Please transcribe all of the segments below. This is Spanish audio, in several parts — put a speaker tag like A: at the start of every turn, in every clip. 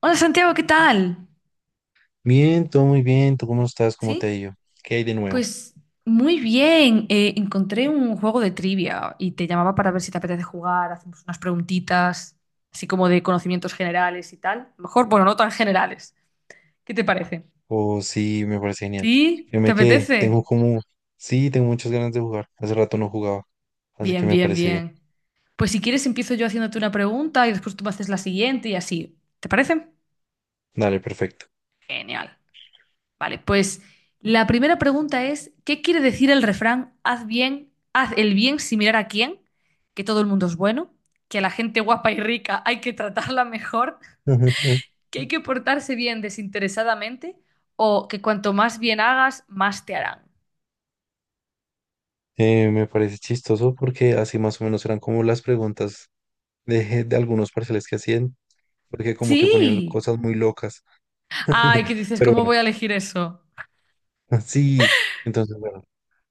A: Hola Santiago, ¿qué tal?
B: Bien, todo muy bien. ¿Tú cómo estás? ¿Cómo te ha
A: ¿Sí?
B: ido? ¿Qué hay de nuevo?
A: Pues muy bien. Encontré un juego de trivia y te llamaba para ver si te apetece jugar. Hacemos unas preguntitas, así como de conocimientos generales y tal. Mejor, bueno, no tan generales. ¿Qué te parece?
B: Oh, sí, me parece genial.
A: ¿Sí?
B: Yo
A: ¿Te
B: me quedé,
A: apetece?
B: tengo como, sí, tengo muchas ganas de jugar. Hace rato no jugaba, así que
A: Bien,
B: me
A: bien,
B: parece bien.
A: bien. Pues si quieres empiezo yo haciéndote una pregunta y después tú me haces la siguiente y así. ¿Te parece?
B: Dale, perfecto.
A: Genial. Vale, pues la primera pregunta es, ¿qué quiere decir el refrán "haz bien, haz el bien sin mirar a quién"? ¿Que todo el mundo es bueno, que a la gente guapa y rica hay que tratarla mejor, que hay que portarse bien desinteresadamente o que cuanto más bien hagas, más te harán?
B: Me parece chistoso porque así más o menos eran como las preguntas de algunos parciales que hacían, porque como que ponían
A: Sí.
B: cosas muy locas.
A: Ay, ¿qué dices?
B: Pero
A: ¿Cómo
B: bueno,
A: voy a elegir eso?
B: sí, entonces bueno,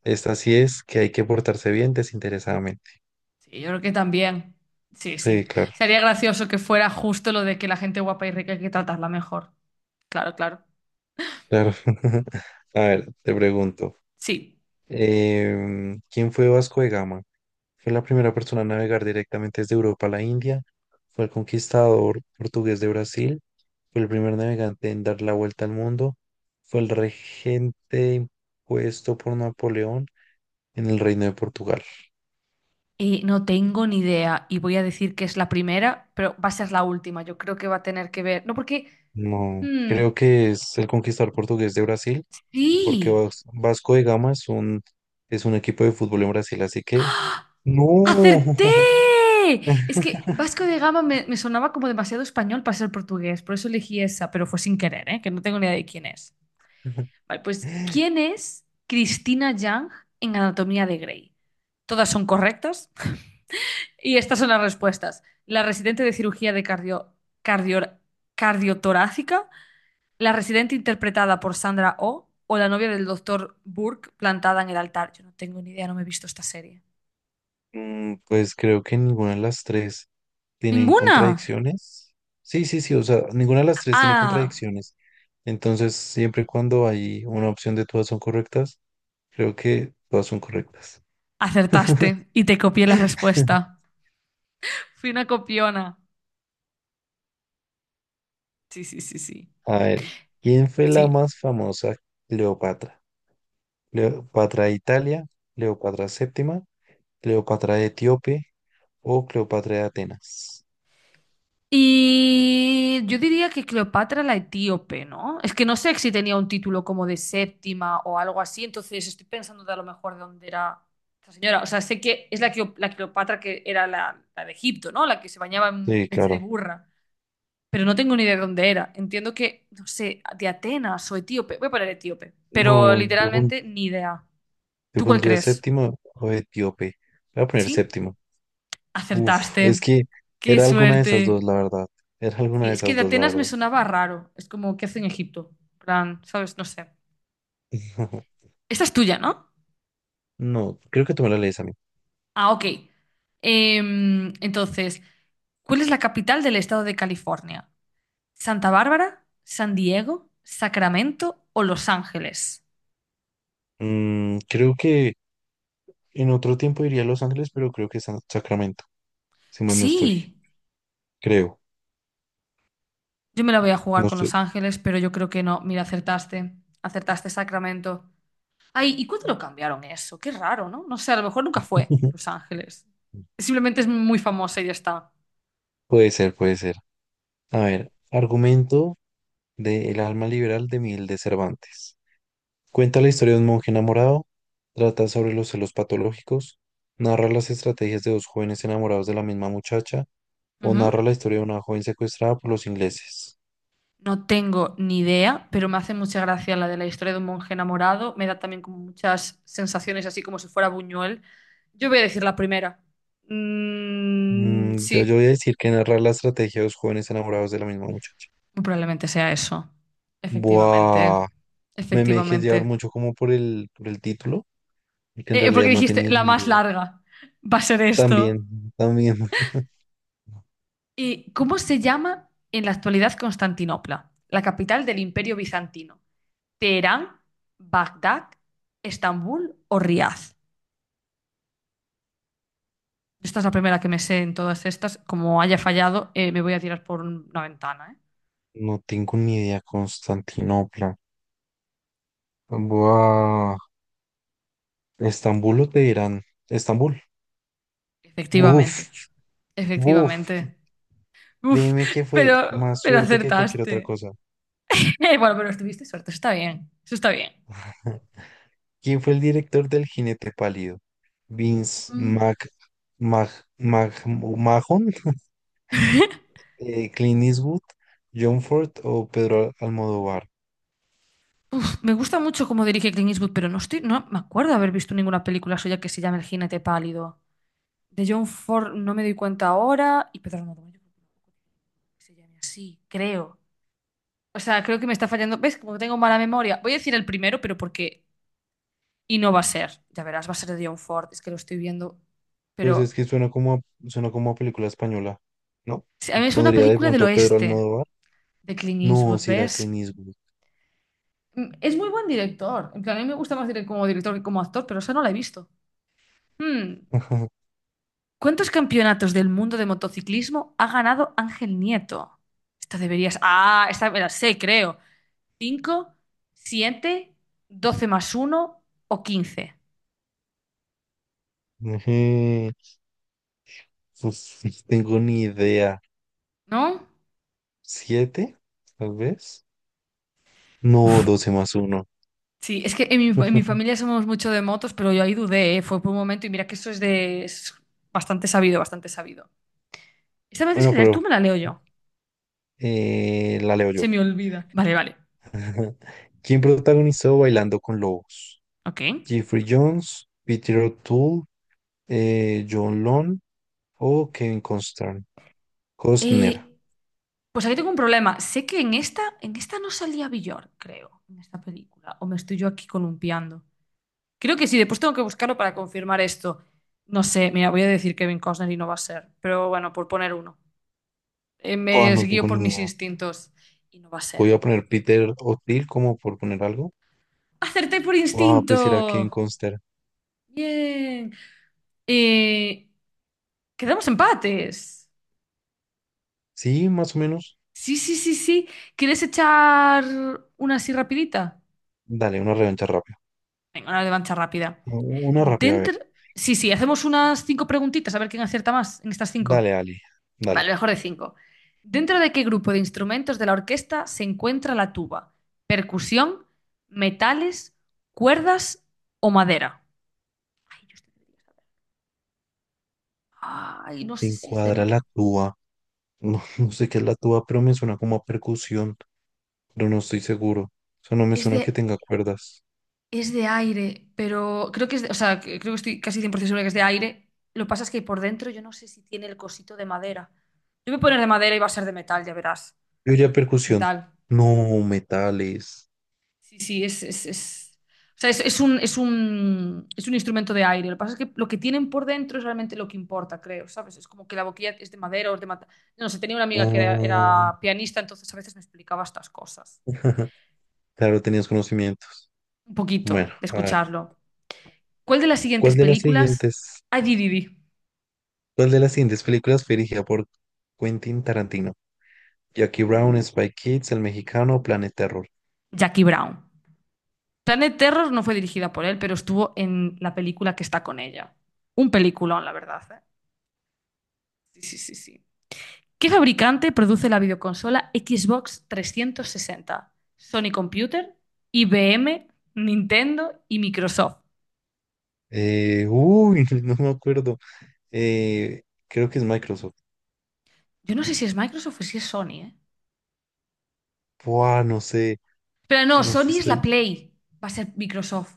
B: esta sí es que hay que portarse bien desinteresadamente.
A: Sí, yo creo que también. Sí,
B: Sí,
A: sí.
B: claro,
A: Sería gracioso que fuera justo lo de que la gente guapa y rica hay que tratarla mejor. Claro, claro.
B: claro. A ver, te pregunto.
A: Sí.
B: ¿Quién fue Vasco de Gama? Fue la primera persona a navegar directamente desde Europa a la India. Fue el conquistador portugués de Brasil. Fue el primer navegante en dar la vuelta al mundo. Fue el regente impuesto por Napoleón en el Reino de Portugal.
A: No tengo ni idea y voy a decir que es la primera, pero va a ser la última. Yo creo que va a tener que ver. No, porque.
B: No,
A: Mm,
B: creo que es el conquistador portugués de Brasil, porque
A: ¡sí!
B: Vasco de Gama es un equipo de fútbol en Brasil, así que... No.
A: ¡Acerté! Es que Vasco de Gama me sonaba como demasiado español para ser portugués, por eso elegí esa, pero fue sin querer, ¿eh? Que no tengo ni idea de quién es. Vale, pues ¿quién es Cristina Yang en Anatomía de Grey? ¿Todas son correctas y estas son las respuestas? ¿La residente de cirugía de cardio- cardiotorácica, la residente interpretada por Sandra Oh o la novia del doctor Burke plantada en el altar? Yo no tengo ni idea, no me he visto esta serie.
B: Pues creo que ninguna de las tres tienen
A: ¡Ninguna!
B: contradicciones. Sí, sí, sí, o sea, ninguna de las tres tiene
A: Ah,
B: contradicciones. Entonces, siempre y cuando hay una opción de todas son correctas, creo que todas son correctas.
A: acertaste y te copié la respuesta. Fui una copiona. Sí, sí, sí, sí.
B: A ver, ¿quién fue la
A: Sí.
B: más famosa Cleopatra? ¿Cleopatra de Italia, Cleopatra séptima, Cleopatra de Etíope o Cleopatra de Atenas?
A: Y yo diría que Cleopatra la etíope, ¿no? Es que no sé si tenía un título como de séptima o algo así, entonces estoy pensando de a lo mejor de dónde era esta señora. O sea, sé que es la Cleopatra que era la de Egipto, ¿no? La que se bañaba en
B: Sí,
A: leche de
B: claro.
A: burra, pero no tengo ni idea de dónde era. Entiendo que, no sé, de Atenas o etíope. Voy a poner etíope, pero
B: No,
A: literalmente ni idea.
B: yo
A: ¿Tú cuál
B: pondría
A: crees?
B: séptima o Etíope. Voy a poner
A: Sí,
B: séptima. Uf, es
A: acertaste.
B: que
A: ¡Qué
B: era alguna de esas dos,
A: suerte!
B: la verdad. Era alguna
A: Sí,
B: de
A: es que
B: esas
A: de
B: dos, la
A: Atenas me
B: verdad.
A: sonaba raro. Es como, ¿qué hace en Egipto? En plan, ¿sabes? No sé. Esta es tuya, ¿no?
B: No, creo que tú me la lees a mí.
A: Ah, ok. Entonces, ¿cuál es la capital del estado de California? ¿Santa Bárbara, San Diego, Sacramento o Los Ángeles?
B: Creo que en otro tiempo iría a Los Ángeles, pero creo que es Sacramento. Si más no estoy.
A: Sí.
B: Creo.
A: Yo me la voy a jugar
B: No
A: con Los
B: estoy.
A: Ángeles, pero yo creo que no. Mira, acertaste. Acertaste Sacramento. Ay, ¿y cuándo lo cambiaron eso? Qué raro, ¿no? No sé, a lo mejor nunca fue Los Ángeles. Simplemente es muy famosa y ya está.
B: Puede ser, puede ser. A ver, argumento de El alma liberal de Miguel de Cervantes. Cuenta la historia de un monje enamorado, trata sobre los celos patológicos, narra las estrategias de dos jóvenes enamorados de la misma muchacha o
A: Ujú.
B: narra la historia de una joven secuestrada por los ingleses.
A: No tengo ni idea, pero me hace mucha gracia la de la historia de un monje enamorado. Me da también como muchas sensaciones, así como si fuera Buñuel. Yo voy a decir la primera. Mm,
B: Yo
A: sí,
B: voy a decir que narra la estrategia de dos jóvenes enamorados de la misma muchacha.
A: muy probablemente sea eso. Efectivamente,
B: Buah, me dejé llevar
A: efectivamente.
B: mucho como por el título, que en
A: Porque
B: realidad no
A: dijiste,
B: tenía
A: la
B: ni
A: más
B: idea.
A: larga va a ser esto.
B: También, también.
A: ¿Y cómo se llama en la actualidad Constantinopla, la capital del Imperio Bizantino? ¿Teherán, Bagdad, Estambul o Riad? Esta es la primera que me sé en todas estas. Como haya fallado, me voy a tirar por una ventana, ¿eh?
B: No tengo ni idea, Constantinopla. Buah, Estambul o Teherán. Estambul.
A: Efectivamente,
B: Uf,
A: efectivamente.
B: uf,
A: Uf,
B: dime que fue
A: pero,
B: más
A: pero
B: suerte que cualquier
A: acertaste.
B: otra cosa.
A: Bueno, pero estuviste suerte, eso está bien, eso está bien.
B: ¿Quién fue el director del Jinete Pálido? Vince
A: Mm.
B: Mac, Mag, Mahon, Clint Eastwood, John Ford o Pedro Almodóvar.
A: Me gusta mucho cómo dirige Clint Eastwood, pero no estoy, no me acuerdo de haber visto ninguna película suya que se llame El jinete pálido. De John Ford no me doy cuenta ahora y Pedro Almodóvar yo creo que tampoco se llame así, creo. O sea, creo que me está fallando. ¿Ves? Como tengo mala memoria. Voy a decir el primero, pero porque. Y no va a ser. Ya verás, va a ser de John Ford. Es que lo estoy viendo.
B: Pues es
A: Pero
B: que suena como a película española, ¿no?
A: sí, a mí es una
B: Pondría de
A: película del
B: pronto Pedro
A: oeste
B: Almodóvar.
A: de Clint
B: No,
A: Eastwood,
B: si era Clint
A: ¿ves?
B: Eastwood.
A: Mm. Es muy buen director. En plan, a mí me gusta más como director que como actor, pero esa no la he visto. Hmm. ¿Cuántos campeonatos del mundo de motociclismo ha ganado Ángel Nieto? Esta deberías. Ah, esta me la sé, creo. ¿Cinco, siete, doce más uno o quince?
B: Ujú. Pues no tengo ni idea.
A: ¿No?
B: ¿Siete? Tal vez. No, doce más uno.
A: Sí, es que en mi familia somos mucho de motos, pero yo ahí dudé, ¿eh? Fue por un momento y mira que eso es de. Es bastante sabido, bastante sabido. Esta vez es que
B: Bueno,
A: leer tú
B: pero
A: me la leo yo.
B: la leo yo.
A: Se me olvida. Vale, vale.
B: Ajá. ¿Quién protagonizó Bailando con Lobos?
A: Ok.
B: ¿Jeffrey Jones, Peter O'Toole, John Lone o Kevin Costner?
A: Eh, Pues aquí tengo un problema. Sé que en esta no salía Villor, creo, en esta película. O me estoy yo aquí columpiando. Creo que sí, después tengo que buscarlo para confirmar esto. No sé, mira, voy a decir Kevin Costner y no va a ser. Pero bueno, por poner uno. Eh,
B: Buah,
A: me
B: no
A: guío
B: tengo
A: por
B: ni
A: mis
B: idea.
A: instintos y no va a ser.
B: Voy a poner Peter O'Toole como por poner algo.
A: ¡Acerté por
B: Buah,
A: instinto!
B: pues era Kevin Costner.
A: Bien. Eh, quedamos empates.
B: Sí, más o menos.
A: Sí, sí, sí, sí. ¿Quieres echar una así rapidita?
B: Dale, una revancha rápida.
A: Venga, una revancha rápida.
B: Una rápida, a ver.
A: Dentro. Sí, sí, hacemos unas cinco preguntitas a ver quién acierta más en estas cinco.
B: Dale, Ali. Dale.
A: Vale, mejor de cinco. ¿Dentro de qué grupo de instrumentos de la orquesta se encuentra la tuba? ¿Percusión, metales, cuerdas o madera? Ay, yo estoy- Ay, no
B: Te
A: sé si es de...
B: encuadra
A: ma-
B: la tuba. No, no sé qué es la tuba, pero me suena como a percusión, pero no estoy seguro. Eso no me
A: Es
B: suena que
A: de,
B: tenga cuerdas.
A: es de aire, pero creo que o sea, creo que estoy casi 100% segura que es de aire. Lo que pasa es que por dentro yo no sé si tiene el cosito de madera. Yo voy a poner de madera y va a ser de metal, ya verás.
B: Yo diría percusión.
A: Metal.
B: No, metales.
A: Sí, sí, o sea, es un instrumento de aire. Lo que pasa es que lo que tienen por dentro es realmente lo que importa, creo, ¿sabes? Es como que la boquilla es de madera o es de mata. No sé, tenía una amiga que era,
B: No.
A: era pianista, entonces a veces me explicaba estas cosas.
B: Claro, tenías conocimientos.
A: Un poquito,
B: Bueno,
A: de
B: a ver.
A: escucharlo. ¿Cuál de las siguientes
B: ¿Cuál de las
A: películas?
B: siguientes,
A: Ay, di, di, di.
B: ¿Cuál de las siguientes películas fue dirigida por Quentin Tarantino? Jackie Brown, Spy Kids, El Mexicano, Planet Terror.
A: Jackie Brown. Planet Terror no fue dirigida por él, pero estuvo en la película que está con ella. Un peliculón, la verdad, ¿eh? Sí, sí, sí, sí. ¿Qué fabricante produce la videoconsola Xbox 360? ¿Sony Computer, IBM, Nintendo y Microsoft?
B: Uy, no me acuerdo. Eh, Creo que es Microsoft.
A: Yo no sé si es Microsoft o si es Sony, ¿eh?
B: Buah, no sé.
A: Pero no, Sony es la
B: Estoy...
A: Play. Va a ser Microsoft.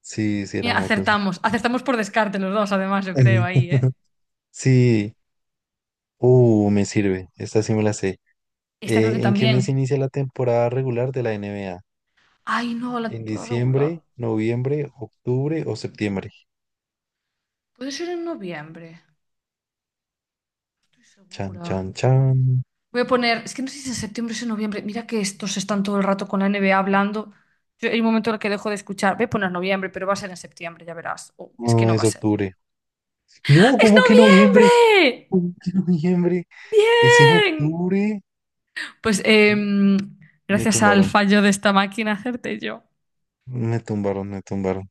B: Sí, sí, era
A: Mira,
B: Microsoft.
A: acertamos. Acertamos por descarte los dos, además, yo creo, ahí, ¿eh?
B: Sí. Me sirve. Esta sí me la sé.
A: Esta creo que
B: ¿En qué mes
A: también.
B: inicia la temporada regular de la NBA?
A: Ay, no, la
B: ¿En
A: puedo regular.
B: diciembre, noviembre, octubre o septiembre?
A: Puede ser en noviembre. Estoy
B: Chan,
A: segura.
B: chan, chan.
A: Voy a poner, es que no sé si es en septiembre o es en noviembre. Mira que estos están todo el rato con la NBA hablando. Hay un momento en el que dejo de escuchar. Voy a poner noviembre, pero va a ser en septiembre, ya verás. O es que
B: No,
A: no va a
B: es
A: ser.
B: octubre. No,
A: ¡Es
B: ¿cómo que noviembre?
A: noviembre!
B: ¿Cómo que noviembre? Es en
A: ¡Bien!
B: octubre.
A: Pues
B: M- Me
A: gracias al
B: tumbaron,
A: fallo de esta máquina acerté yo.
B: me tumbaron, me tumbaron.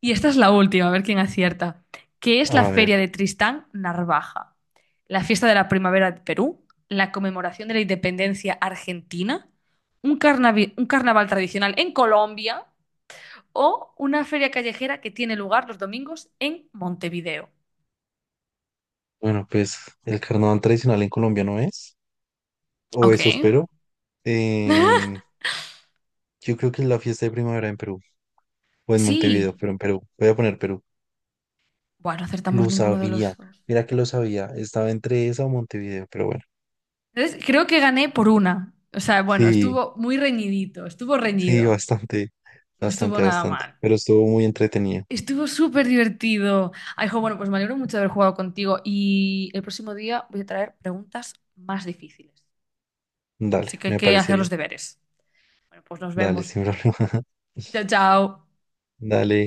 A: Y esta es la última, a ver quién acierta. ¿Qué es la
B: A ver,
A: Feria de Tristán Narvaja? ¿La fiesta de la primavera de Perú? ¿La conmemoración de la independencia argentina? ¿Un carnaval tradicional en Colombia? ¿O una feria callejera que tiene lugar los domingos en Montevideo?
B: bueno, pues el carnaval tradicional en Colombia no es, o
A: Ok.
B: eso espero. Em, yo creo que es la fiesta de primavera en Perú, o en Montevideo,
A: Sí.
B: pero en Perú. Voy a poner Perú.
A: Bueno, no acertamos
B: Lo
A: ninguno de
B: sabía,
A: los dos.
B: mira que lo sabía, estaba entre esa o Montevideo, pero bueno,
A: Entonces, creo que gané por una. O sea, bueno,
B: sí,
A: estuvo muy reñidito, estuvo
B: sí,
A: reñido.
B: bastante,
A: No estuvo
B: bastante,
A: nada
B: bastante,
A: mal.
B: pero estuvo muy entretenido.
A: Estuvo súper divertido. Ay, jo, bueno, pues me alegro mucho de haber jugado contigo y el próximo día voy a traer preguntas más difíciles. Así
B: Dale,
A: que hay
B: me
A: que
B: parece
A: hacer
B: bien.
A: los deberes. Bueno, pues nos
B: Dale,
A: vemos.
B: sin problema.
A: Chao, chao.
B: Dale.